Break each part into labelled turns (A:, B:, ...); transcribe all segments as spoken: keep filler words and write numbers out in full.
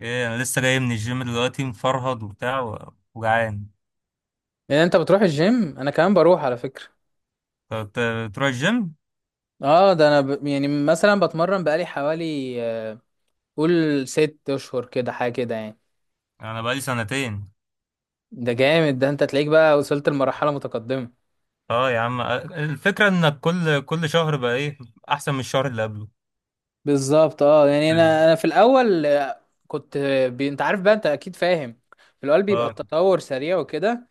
A: ايه، انا لسه جاي من الجيم دلوقتي مفرهد وبتاع و- وجعان.
B: يعني انت بتروح الجيم انا كمان بروح على فكرة.
A: ت- ت- تروح الجيم؟
B: اه ده انا ب... يعني مثلا بتمرن بقالي حوالي آه، قول ست اشهر كده حاجة كده يعني.
A: انا بقالي سنتين.
B: ده جامد ده انت تلاقيك بقى وصلت لمرحلة متقدمة.
A: اه يا عم، أ- الفكره انك كل كل شهر بقى ايه احسن من الشهر اللي قبله.
B: بالظبط اه يعني
A: أيوة.
B: انا انا في الاول آه، كنت آه، بي... انت عارف بقى انت اكيد فاهم. في الاول بيبقى
A: اه،
B: التطور سريع وكده.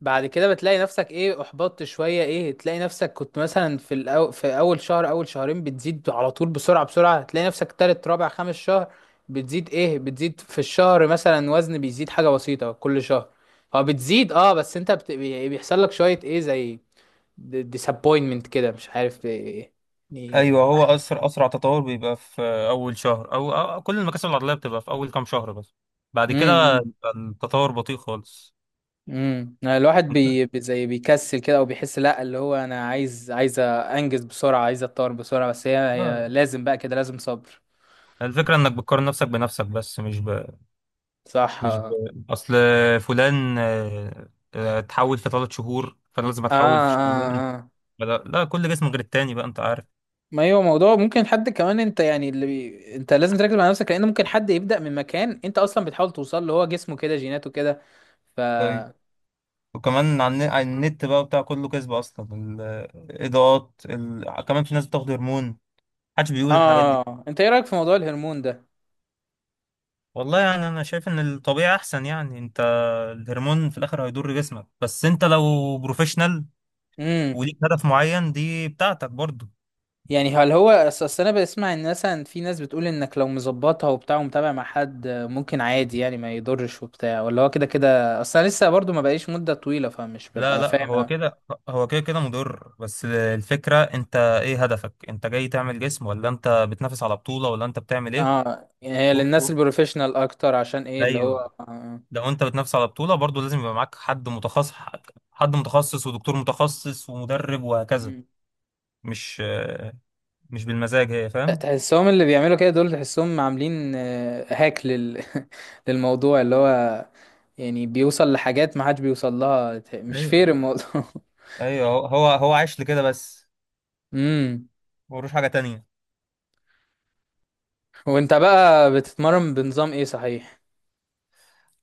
B: بعد كده بتلاقي نفسك ايه احبطت شوية ايه تلاقي نفسك كنت مثلا في الأو... في اول شهر اول شهرين بتزيد على طول بسرعة بسرعة تلاقي نفسك تالت رابع خامس شهر بتزيد ايه بتزيد في الشهر مثلا وزن بيزيد حاجة بسيطة كل شهر. هو بتزيد اه بس انت بت... بي- بيحصل لك شوية ايه زي ديسابوينتمنت كده مش عارف ايه
A: ايوه، هو اسرع اسرع تطور بيبقى في اول شهر او أو كل المكاسب العضليه بتبقى في اول كام شهر بس. بعد كده
B: يعني.
A: التطور بطيء خالص.
B: امم الواحد
A: أنت-
B: بي بي- زي بيكسل كده او بيحس لا اللي هو انا عايز عايز انجز بسرعه عايز اتطور بسرعه بس هي,
A: آه.
B: هي لازم بقى كده لازم صبر.
A: الفكره انك بتقارن نفسك بنفسك بس مش ب...
B: صح اه
A: مش ب...
B: اه.
A: اصل فلان، آه، آه، اتحول في تلات شهور، فانا لازم
B: اه
A: اتحول في شهرين.
B: آه.
A: فلا- لا، كل جسم غير التاني، بقى انت عارف.
B: ما هو موضوع ممكن حد كمان انت يعني اللي بي... انت لازم تركز مع نفسك لان ممكن حد يبدا من مكان انت اصلا بتحاول توصل له هو جسمه كده جيناته كده ف.
A: طيب، وكمان على الن- على النت بقى بتاع كله كذب اصلا. الاضاءات، ال... كمان في ناس بتاخد هرمون، محدش بيقول الحاجات دي.
B: اه انت ايه رايك في موضوع الهرمون ده.
A: والله يعني انا شايف ان الطبيعي احسن. يعني انت الهرمون في الاخر هيضر جسمك، بس انت لو بروفيشنال
B: امم.
A: وليك هدف معين دي بتاعتك برضه.
B: يعني هل هو اصل أصل انا بسمع ان مثلا في ناس بتقول انك لو مظبطها وبتاع ومتابع مع حد ممكن عادي يعني ما يضرش وبتاع ولا هو كده كده اصل انا لسه برضو ما بقيش مدة طويلة فمش
A: لا
B: ببقى
A: لا،
B: فاهم
A: هو
B: أوي.
A: كده. هو كده كده مضر، بس الفكرة انت ايه هدفك؟ انت جاي تعمل جسم ولا انت بتنافس على بطولة ولا انت بتعمل ايه؟
B: اه يعني هي
A: و...
B: للناس
A: و...
B: البروفيشنال اكتر عشان ايه اللي هو
A: ايوه،
B: آه.
A: لو انت بتنافس على بطولة برضو لازم يبقى معاك حد متخصص. حد متخصص ودكتور متخصص ومدرب وهكذا.
B: مم.
A: مش مش بالمزاج، هي فاهم.
B: تحسهم اللي بيعملوا كده دول تحسهم عاملين آه، هاك لل... للموضوع اللي هو يعني بيوصل لحاجات ما حدش بيوصل لها مش
A: ايوه
B: فير الموضوع
A: ايوه، هو هو هو عايش لكده بس،
B: امم.
A: ملوش حاجة تانية.
B: وانت بقى بتتمرن بنظام ايه صحيح.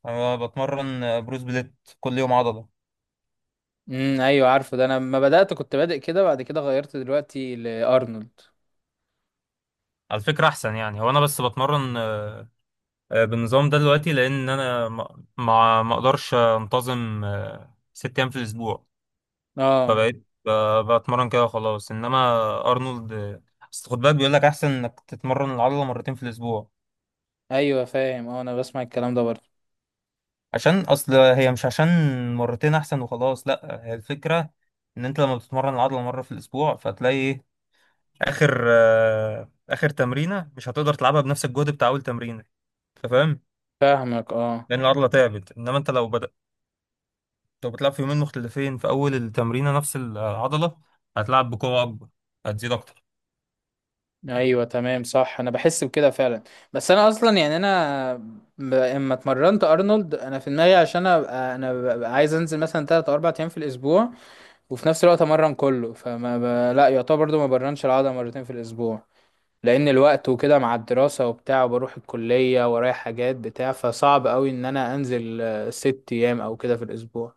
A: انا بتمرن بروس بليت، كل يوم عضلة.
B: امم، ايوه عارفه ده انا لما بدأت كنت بادئ كده بعد كده غيرت دلوقتي لأرنولد.
A: على فكرة احسن. يعني هو انا بس بتمرن آه، بالنظام ده دلوقتي لان انا ما ما ما اقدرش انتظم آه، ست ايام في الاسبوع.
B: اه.
A: فبقيت ب- بتمرن كده خلاص. انما ارنولد، آه، اصل خد بالك بيقول لك احسن انك تتمرن العضله مرتين في الاسبوع.
B: ايوه فاهم اه انا بسمع الكلام ده برضه.
A: عشان اصل هي مش عشان مرتين احسن وخلاص، لا هي الفكره ان انت لما بتتمرن العضله مره في الاسبوع فتلاقي ايه اخر آه، اخر تمرينه مش هتقدر تلعبها بنفس الجهد بتاع اول تمرينه، انت فاهم؟
B: فاهمك اه.
A: لان العضله تعبت. انما انت لو بدأ، لو بتلعب في يومين مختلفين في أول التمرينة نفس العضلة هتلعب بقوة أكبر، هتزيد أكتر.
B: ايوه تمام صح انا بحس بكده فعلا. بس انا اصلا يعني انا ب- اما اتمرنت ارنولد انا في دماغي عشان ابقى انا ببقى عايز انزل مثلا تلات او اربعة ايام في الاسبوع وفي نفس الوقت امرن كله فما ب... لا يعتبر برضه ما برنش العضله مرتين في الاسبوع لان الوقت وكده مع الدراسة وبتاع وبروح الكلية ورايا حاجات بتاع فصعب قوي ان انا انزل آه، ست ايام او كده في الاسبوع.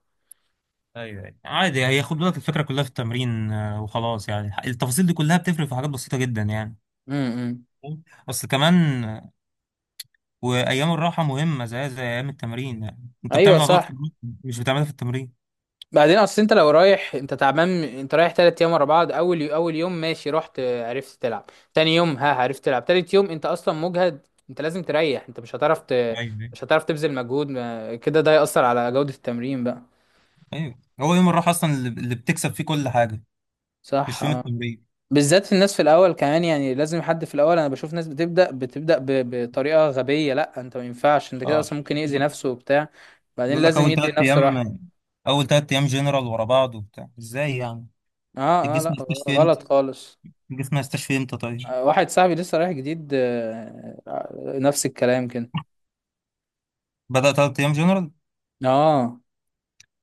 A: ايوه ايوه عادي. هي خد بالك الفكره كلها في التمرين آه، وخلاص. يعني التفاصيل دي كلها بتفرق في حاجات بسيطه جدا يعني.
B: امم،
A: فاهم؟ اصل كمان، آه، وايام الراحه مهمه زي زي ايام التمرين. يعني انت
B: ايوه
A: بتعمل عضلات في
B: صح.
A: البيت، مش بتعملها في التمرين.
B: بعدين اصل انت لو رايح انت تعبان انت رايح تلات ايام ورا بعض اول يو... اول يوم ماشي رحت آه، عرفت تلعب تاني يوم ها عرفت تلعب تالت يوم انت اصلا مجهد انت لازم تريح انت مش هتعرف ت...
A: ايوه ايوه.
B: مش هتعرف تبذل مجهود ما- كده ده يأثر على جودة التمرين بقى.
A: أيوة. هو يوم الراحه اصلا اللي اللي بتكسب فيه كل حاجه،
B: صح
A: مش يوم
B: اه.
A: التمرين.
B: بالذات في الناس في الاول كمان يعني لازم حد في الاول انا بشوف ناس بتبدا بتبدا ب- بطريقه غبيه لا انت ما ينفعش انت كده
A: اه.
B: اصلا ممكن يأذي نفسه وبتاع بعدين
A: يقول لك
B: لازم
A: اول
B: يدي
A: ثلاث
B: نفسه راحه.
A: ايام اول تلات ايام جنرال ورا بعض وبتاع ازاي يعني؟
B: اه اه،
A: الجسم
B: لا
A: مش
B: غلط
A: فهمت.
B: خالص.
A: تيجي في مستشفى امتى طيب؟
B: آه، واحد صاحبي لسه رايح جديد آه، آه، نفس الكلام كده.
A: بدأ تلات ايام جنرال.
B: اه.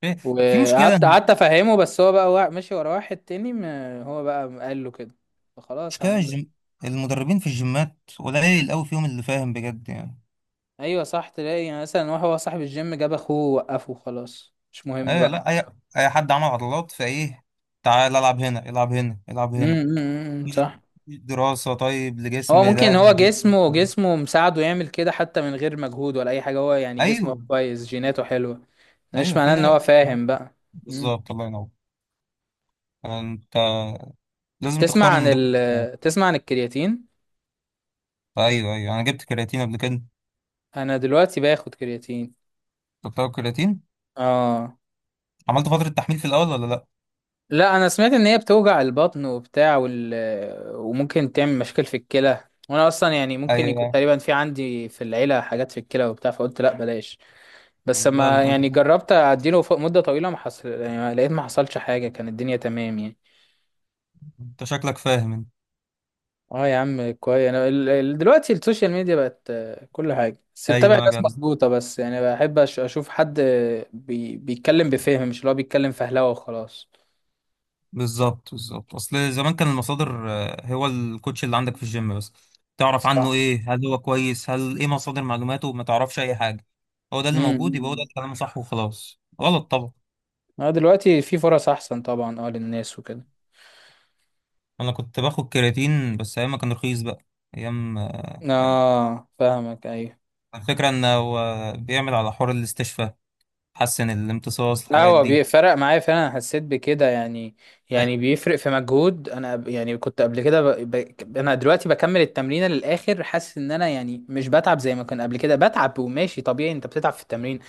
A: في في مشكله.
B: وقعدت قعدت افهمه بس هو بقى وا- ماشي ورا واحد تاني ما هو بقى قال له كده فخلاص
A: مشكله
B: هعمل له إيه؟
A: الجم... المدربين في الجيمات قليل قوي فيهم اللي فاهم بجد يعني.
B: ايوه صح تلاقي يعني مثلا واحد هو صاحب الجيم جاب اخوه ووقفه خلاص مش مهم
A: ايه،
B: بقى.
A: لا، اي اي حد عمل عضلات فايه، تعال العب هنا، العب هنا، العب هنا.
B: امم
A: مفيش
B: صح.
A: مفيش دراسه طيب
B: هو
A: لجسم
B: ممكن
A: ده.
B: هو جسمه جسمه مساعده يعمل كده حتى من غير مجهود ولا اي حاجه هو يعني جسمه
A: ايوه
B: كويس جيناته حلوه. مش
A: ايوه، في
B: معناه ان هو
A: ناس.
B: فاهم بقى. مم.
A: بالظبط، الله ينور. انت لازم
B: تسمع
A: تختار
B: عن
A: المدرب بتاعك.
B: ال تسمع عن الكرياتين.
A: ايوه ايوه، انا جبت كرياتين قبل كده.
B: انا دلوقتي باخد كرياتين.
A: كنت بتاخد كرياتين.
B: اه
A: عملت فتره تحميل في الاول ولا لا؟
B: لا انا سمعت ان هي بتوجع البطن وبتاع وال... وممكن تعمل مشاكل في الكلى وانا اصلا يعني ممكن يكون
A: ايوه.
B: تقريبا في عندي في العيله حاجات في الكلى وبتاع فقلت لا بلاش. بس
A: لا
B: ما
A: لا،
B: يعني جربت اديله فوق مده طويله ما حصل يعني لقيت ما حصلش حاجه كان الدنيا تمام يعني.
A: انت شكلك فاهم انت.
B: اه يا عم كويس انا ال- ال- دلوقتي السوشيال ميديا بقت آه، كل حاجه بس اتبع
A: ايوه يا
B: ناس
A: جدع،
B: مظبوطه بس يعني بحب أش- اشوف حد آه، بي بيتكلم بفهم مش اللي هو بيتكلم فهلوه وخلاص.
A: بالظبط بالظبط. اصل زمان كان المصادر آه، هو الكوتش اللي عندك في الجيم بس. تعرف عنه
B: صح.
A: ايه؟ هل هو كويس؟ هل ايه مصادر معلوماته؟ ما تعرفش اي حاجه، هو ده اللي موجود يبقى هو ده
B: امم.
A: الكلام صح وخلاص. غلط طبعا.
B: اه دلوقتي في فرص احسن طبعا اه للناس وكده.
A: انا كنت باخد كرياتين بس ايام ما كان رخيص بقى. ايام آه،
B: اه فاهمك ايوه.
A: الفكره انه هو بيعمل على حوار الاستشفاء، حسن الامتصاص،
B: لا
A: الحاجات
B: هو
A: دي.
B: بيفرق معايا فعلا أنا حسيت بكده يعني. يعني
A: ايوه
B: بيفرق في مجهود انا ب- يعني كنت قبل كده ب... ب... انا دلوقتي بكمل التمرين للاخر حاسس ان انا يعني مش بتعب زي ما كان قبل كده بتعب وماشي طبيعي انت بتتعب في التمرين.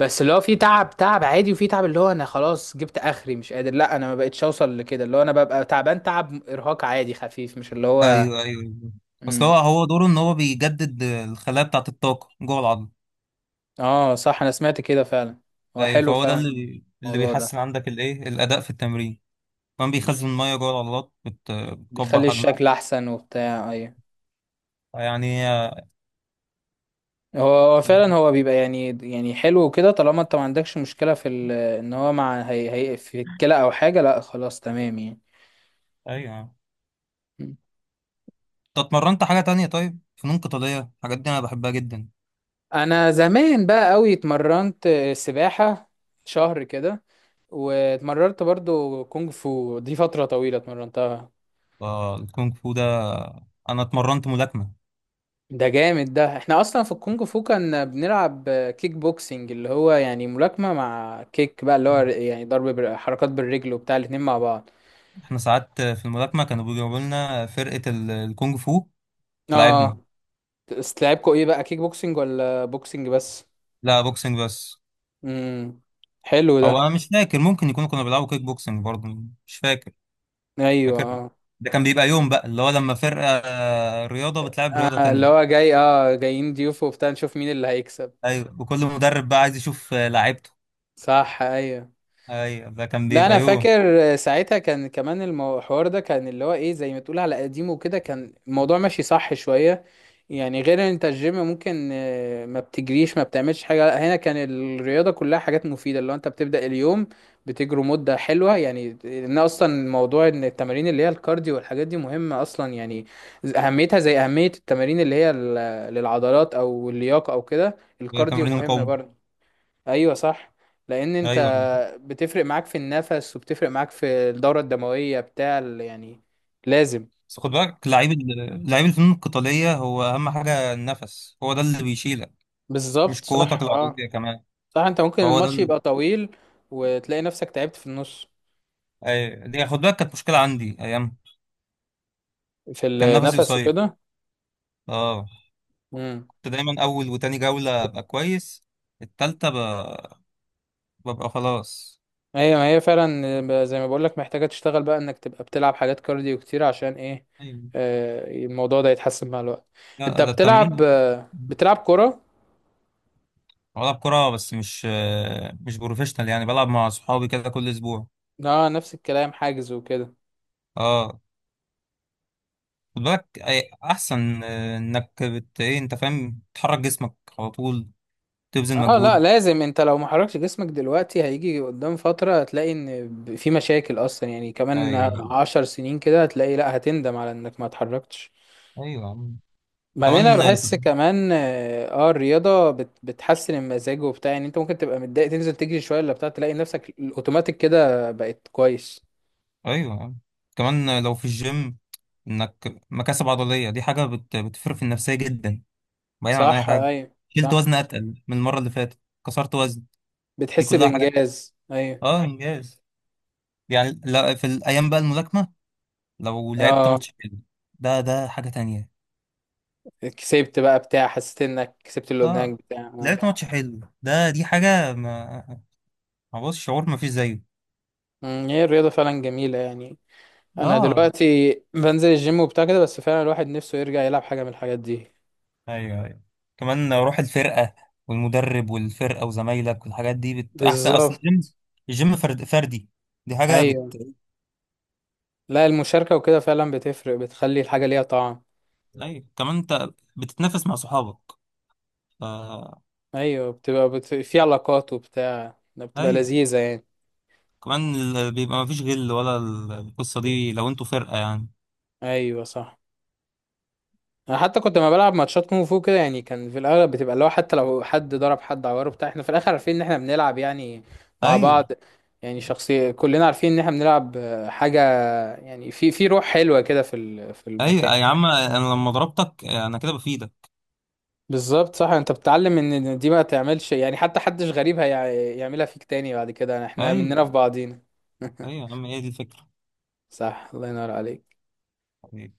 B: بس اللي هو في تعب تعب عادي وفي تعب اللي هو انا خلاص جبت اخري مش قادر لا انا ما بقتش اوصل لكده اللي هو انا ببقى تعبان تعب ارهاق عادي خفيف مش اللي هو.
A: ايوه ايوه. اصل هو
B: امم
A: هو دوره ان هو بيجدد الخلايا بتاعه، الطاقه جوه العظم.
B: اه صح انا سمعت كده فعلا. هو
A: اي،
B: حلو
A: فهو ده
B: فعلا
A: اللي اللي
B: الموضوع ده.
A: بيحسن عندك الايه الاداء في التمرين. كمان بيخزن
B: مم.
A: الميه جوه العضلات، بت- بتكبر
B: بيخلي
A: حجمها
B: الشكل احسن وبتاع ايوه.
A: يعني.
B: هو هو فعلا هو بيبقى يعني يعني حلو وكده طالما انت ما عندكش مشكلة في ال- ان هو مع هي هي في الكلى او حاجة لا خلاص تمام يعني.
A: ايوه.
B: م.
A: انت اتمرنت حاجه تانية طيب؟ فنون قتاليه، الحاجات دي انا بحبها جدا.
B: انا زمان بقى قوي اتمرنت سباحة شهر كده واتمرنت برضو كونج فو دي فترة طويلة اتمرنتها.
A: فالكونغ فو ده، انا اتمرنت ملاكمه.
B: ده جامد ده احنا اصلا في الكونج فو كنا بنلعب كيك بوكسينج اللي هو يعني ملاكمة مع كيك بقى اللي هو يعني ضرب بال- حركات بالرجل وبتاع الاتنين مع بعض.
A: احنا ساعات في الملاكمه كانوا بيجيبوا لنا فرقه ال- الكونغ فو تلعبنا.
B: اه. بس لعبكوا ايه بقى كيك بوكسنج ولا بوكسنج بس.
A: لا، بوكسنج بس.
B: امم، حلو ده.
A: او انا مش فاكر، ممكن يكونوا كانوا بيلعبوا كيك بوكسنج برضه، مش فاكر.
B: ايوه
A: فاكر،
B: اه
A: ده كان بيبقى يوم بقى اللي هو لما فرقة آه، رياضة بتلعب رياضة
B: آه، اللي
A: تانية.
B: هو جاي اه جايين ضيوف وبتاع نشوف مين اللي هيكسب.
A: ايوه، وكل مدرب بقى عايز يشوف آه، لعيبته.
B: صح ايوه.
A: ايوه، ده كان
B: لا انا
A: بيبقى يوم.
B: فاكر ساعتها كان كمان المو- الحوار ده كان اللي هو ايه زي ما تقول على قديمه وكده كان الموضوع ماشي صح شوية. يعني غير ان انت الجيم ممكن آه، ما بتجريش ما بتعملش حاجة لا هنا كان الرياضة كلها حاجات مفيدة اللي هو انت بتبدأ اليوم بتجري مدة حلوة يعني ان اصلا موضوع ان التمارين اللي هي الكارديو والحاجات دي مهمة اصلا يعني. اهميتها زي اهمية التمارين اللي هي ال- للعضلات او اللياقة او كده
A: ده
B: الكارديو
A: تمرين
B: مهم
A: المقاومة.
B: برضه. ايوه صح. لان انت
A: ايوه،
B: بتفرق معاك في النفس وبتفرق معاك في الدورة الدموية بتاع ال- يعني لازم.
A: بس خد بالك لعيب ال- لعيب الفنون القتالية هو اهم حاجة النفس، هو ده اللي بيشيلك، مش
B: بالظبط صح
A: قوتك
B: اه
A: العضلية كمان.
B: صح. انت ممكن
A: فهو ده
B: الماتش
A: ال...
B: يبقى طويل وتلاقي نفسك تعبت في النص
A: ايوه، دي خد بالك كانت مشكلة عندي ايام،
B: في
A: كان نفسي
B: النفس
A: قصير.
B: وكده.
A: اه.
B: امم
A: كنت دايما اول وتاني جولة ابقى كويس. التالتة ب... ببقى خلاص.
B: هي ما هي فعلا زي ما بقول لك محتاجة تشتغل بقى انك تبقى بتلعب حاجات كارديو كتير عشان ايه
A: ايوه.
B: آه، الموضوع ده يتحسن مع الوقت. انت
A: لا، ده
B: بتلعب
A: التمرين.
B: بتلعب كرة.
A: بلعب كرة، بس مش مش بروفيشنال، يعني بلعب مع صحابي كده كل اسبوع.
B: اه نفس الكلام حاجز وكده.
A: اه. خد بالك أي- احسن آه، انك بت ايه انت فاهم، تحرك جسمك على طول، تبذل
B: اه لا
A: مجهود.
B: لازم انت لو ما حركتش جسمك دلوقتي هيجي قدام فترة هتلاقي ان ب- في مشاكل اصلا يعني. كمان
A: ايوه
B: عشر سنين كده هتلاقي لا هتندم على انك ما اتحركتش.
A: ايوه يا عم.
B: بعدين انا
A: كمان.
B: بحس كمان اه آه، الرياضة بت بتحسن المزاج وبتاع يعني انت ممكن تبقى متضايق تنزل تجري شوية ولا بتاع تلاقي نفسك الاوتوماتيك كده بقت كويس.
A: ايوه يا عم، كمان لو في الجيم انك مكاسب عضلية دي حاجة بت... بتفرق في النفسية جدا، بعيد عن اي
B: صح
A: حاجة.
B: ايوه
A: شلت
B: صح.
A: وزن اتقل من المرة اللي فاتت، كسرت وزن، دي
B: بتحس
A: كلها حاجات.
B: بانجاز ايوه.
A: اه، انجاز، يعني. لا، في الايام بقى الملاكمة، لو لعبت
B: اه
A: ماتش حلو ده ده حاجة تانية.
B: كسبت بقى بتاع حسيت انك كسبت اللي
A: اه.
B: قدامك بتاع اه.
A: لعبت ماتش حلو، ده دي حاجة ما، ما بص شعور ما فيش زيه.
B: مم، هي الرياضة فعلا جميلة يعني. انا
A: اه.
B: دلوقتي بنزل الجيم وبتاع كده بس فعلا الواحد نفسه يرجع يلعب حاجه من الحاجات دي.
A: ايوه ايوه. كمان روح الفرقة والمدرب والفرقة وزمايلك والحاجات دي بت... احسن. اصل
B: بالظبط.
A: الجيم الجيم فرد فردي، دي حاجة بت.
B: ايوه لا المشاركه وكده فعلا بتفرق بتخلي الحاجه ليها طعم.
A: ايوه كمان انت بتتنافس مع صحابك ف...
B: ايوه بتبقى بت... في علاقات وبتاع بتبقى
A: ايوه.
B: لذيذه يعني.
A: كمان ال- بيبقى ما فيش غل، ولا ال- القصة دي لو انتوا فرقة يعني.
B: ايوه صح. انا حتى كنت لما بلعب ماتشات كونغ فو كده يعني كان في الاغلب بتبقى لو حتى لو حد ضرب حد عوره بتاع احنا في الاخر عارفين ان احنا بنلعب يعني مع
A: ايوه
B: بعض. يعني شخصيه كلنا عارفين ان احنا بنلعب آه، حاجه يعني في في روح حلوه كده في ال... في المكان.
A: ايوه يا عم، انا لما ضربتك انا كده بفيدك.
B: بالظبط صح. انت بتتعلم ان إن دي ما تعملش يعني حتى حدش غريب هيعملها فيك تاني بعد كده احنا
A: ايوه
B: مننا في بعضينا
A: ايوه يا عم، هي دي الفكره،
B: صح الله ينور عليك.
A: يعني.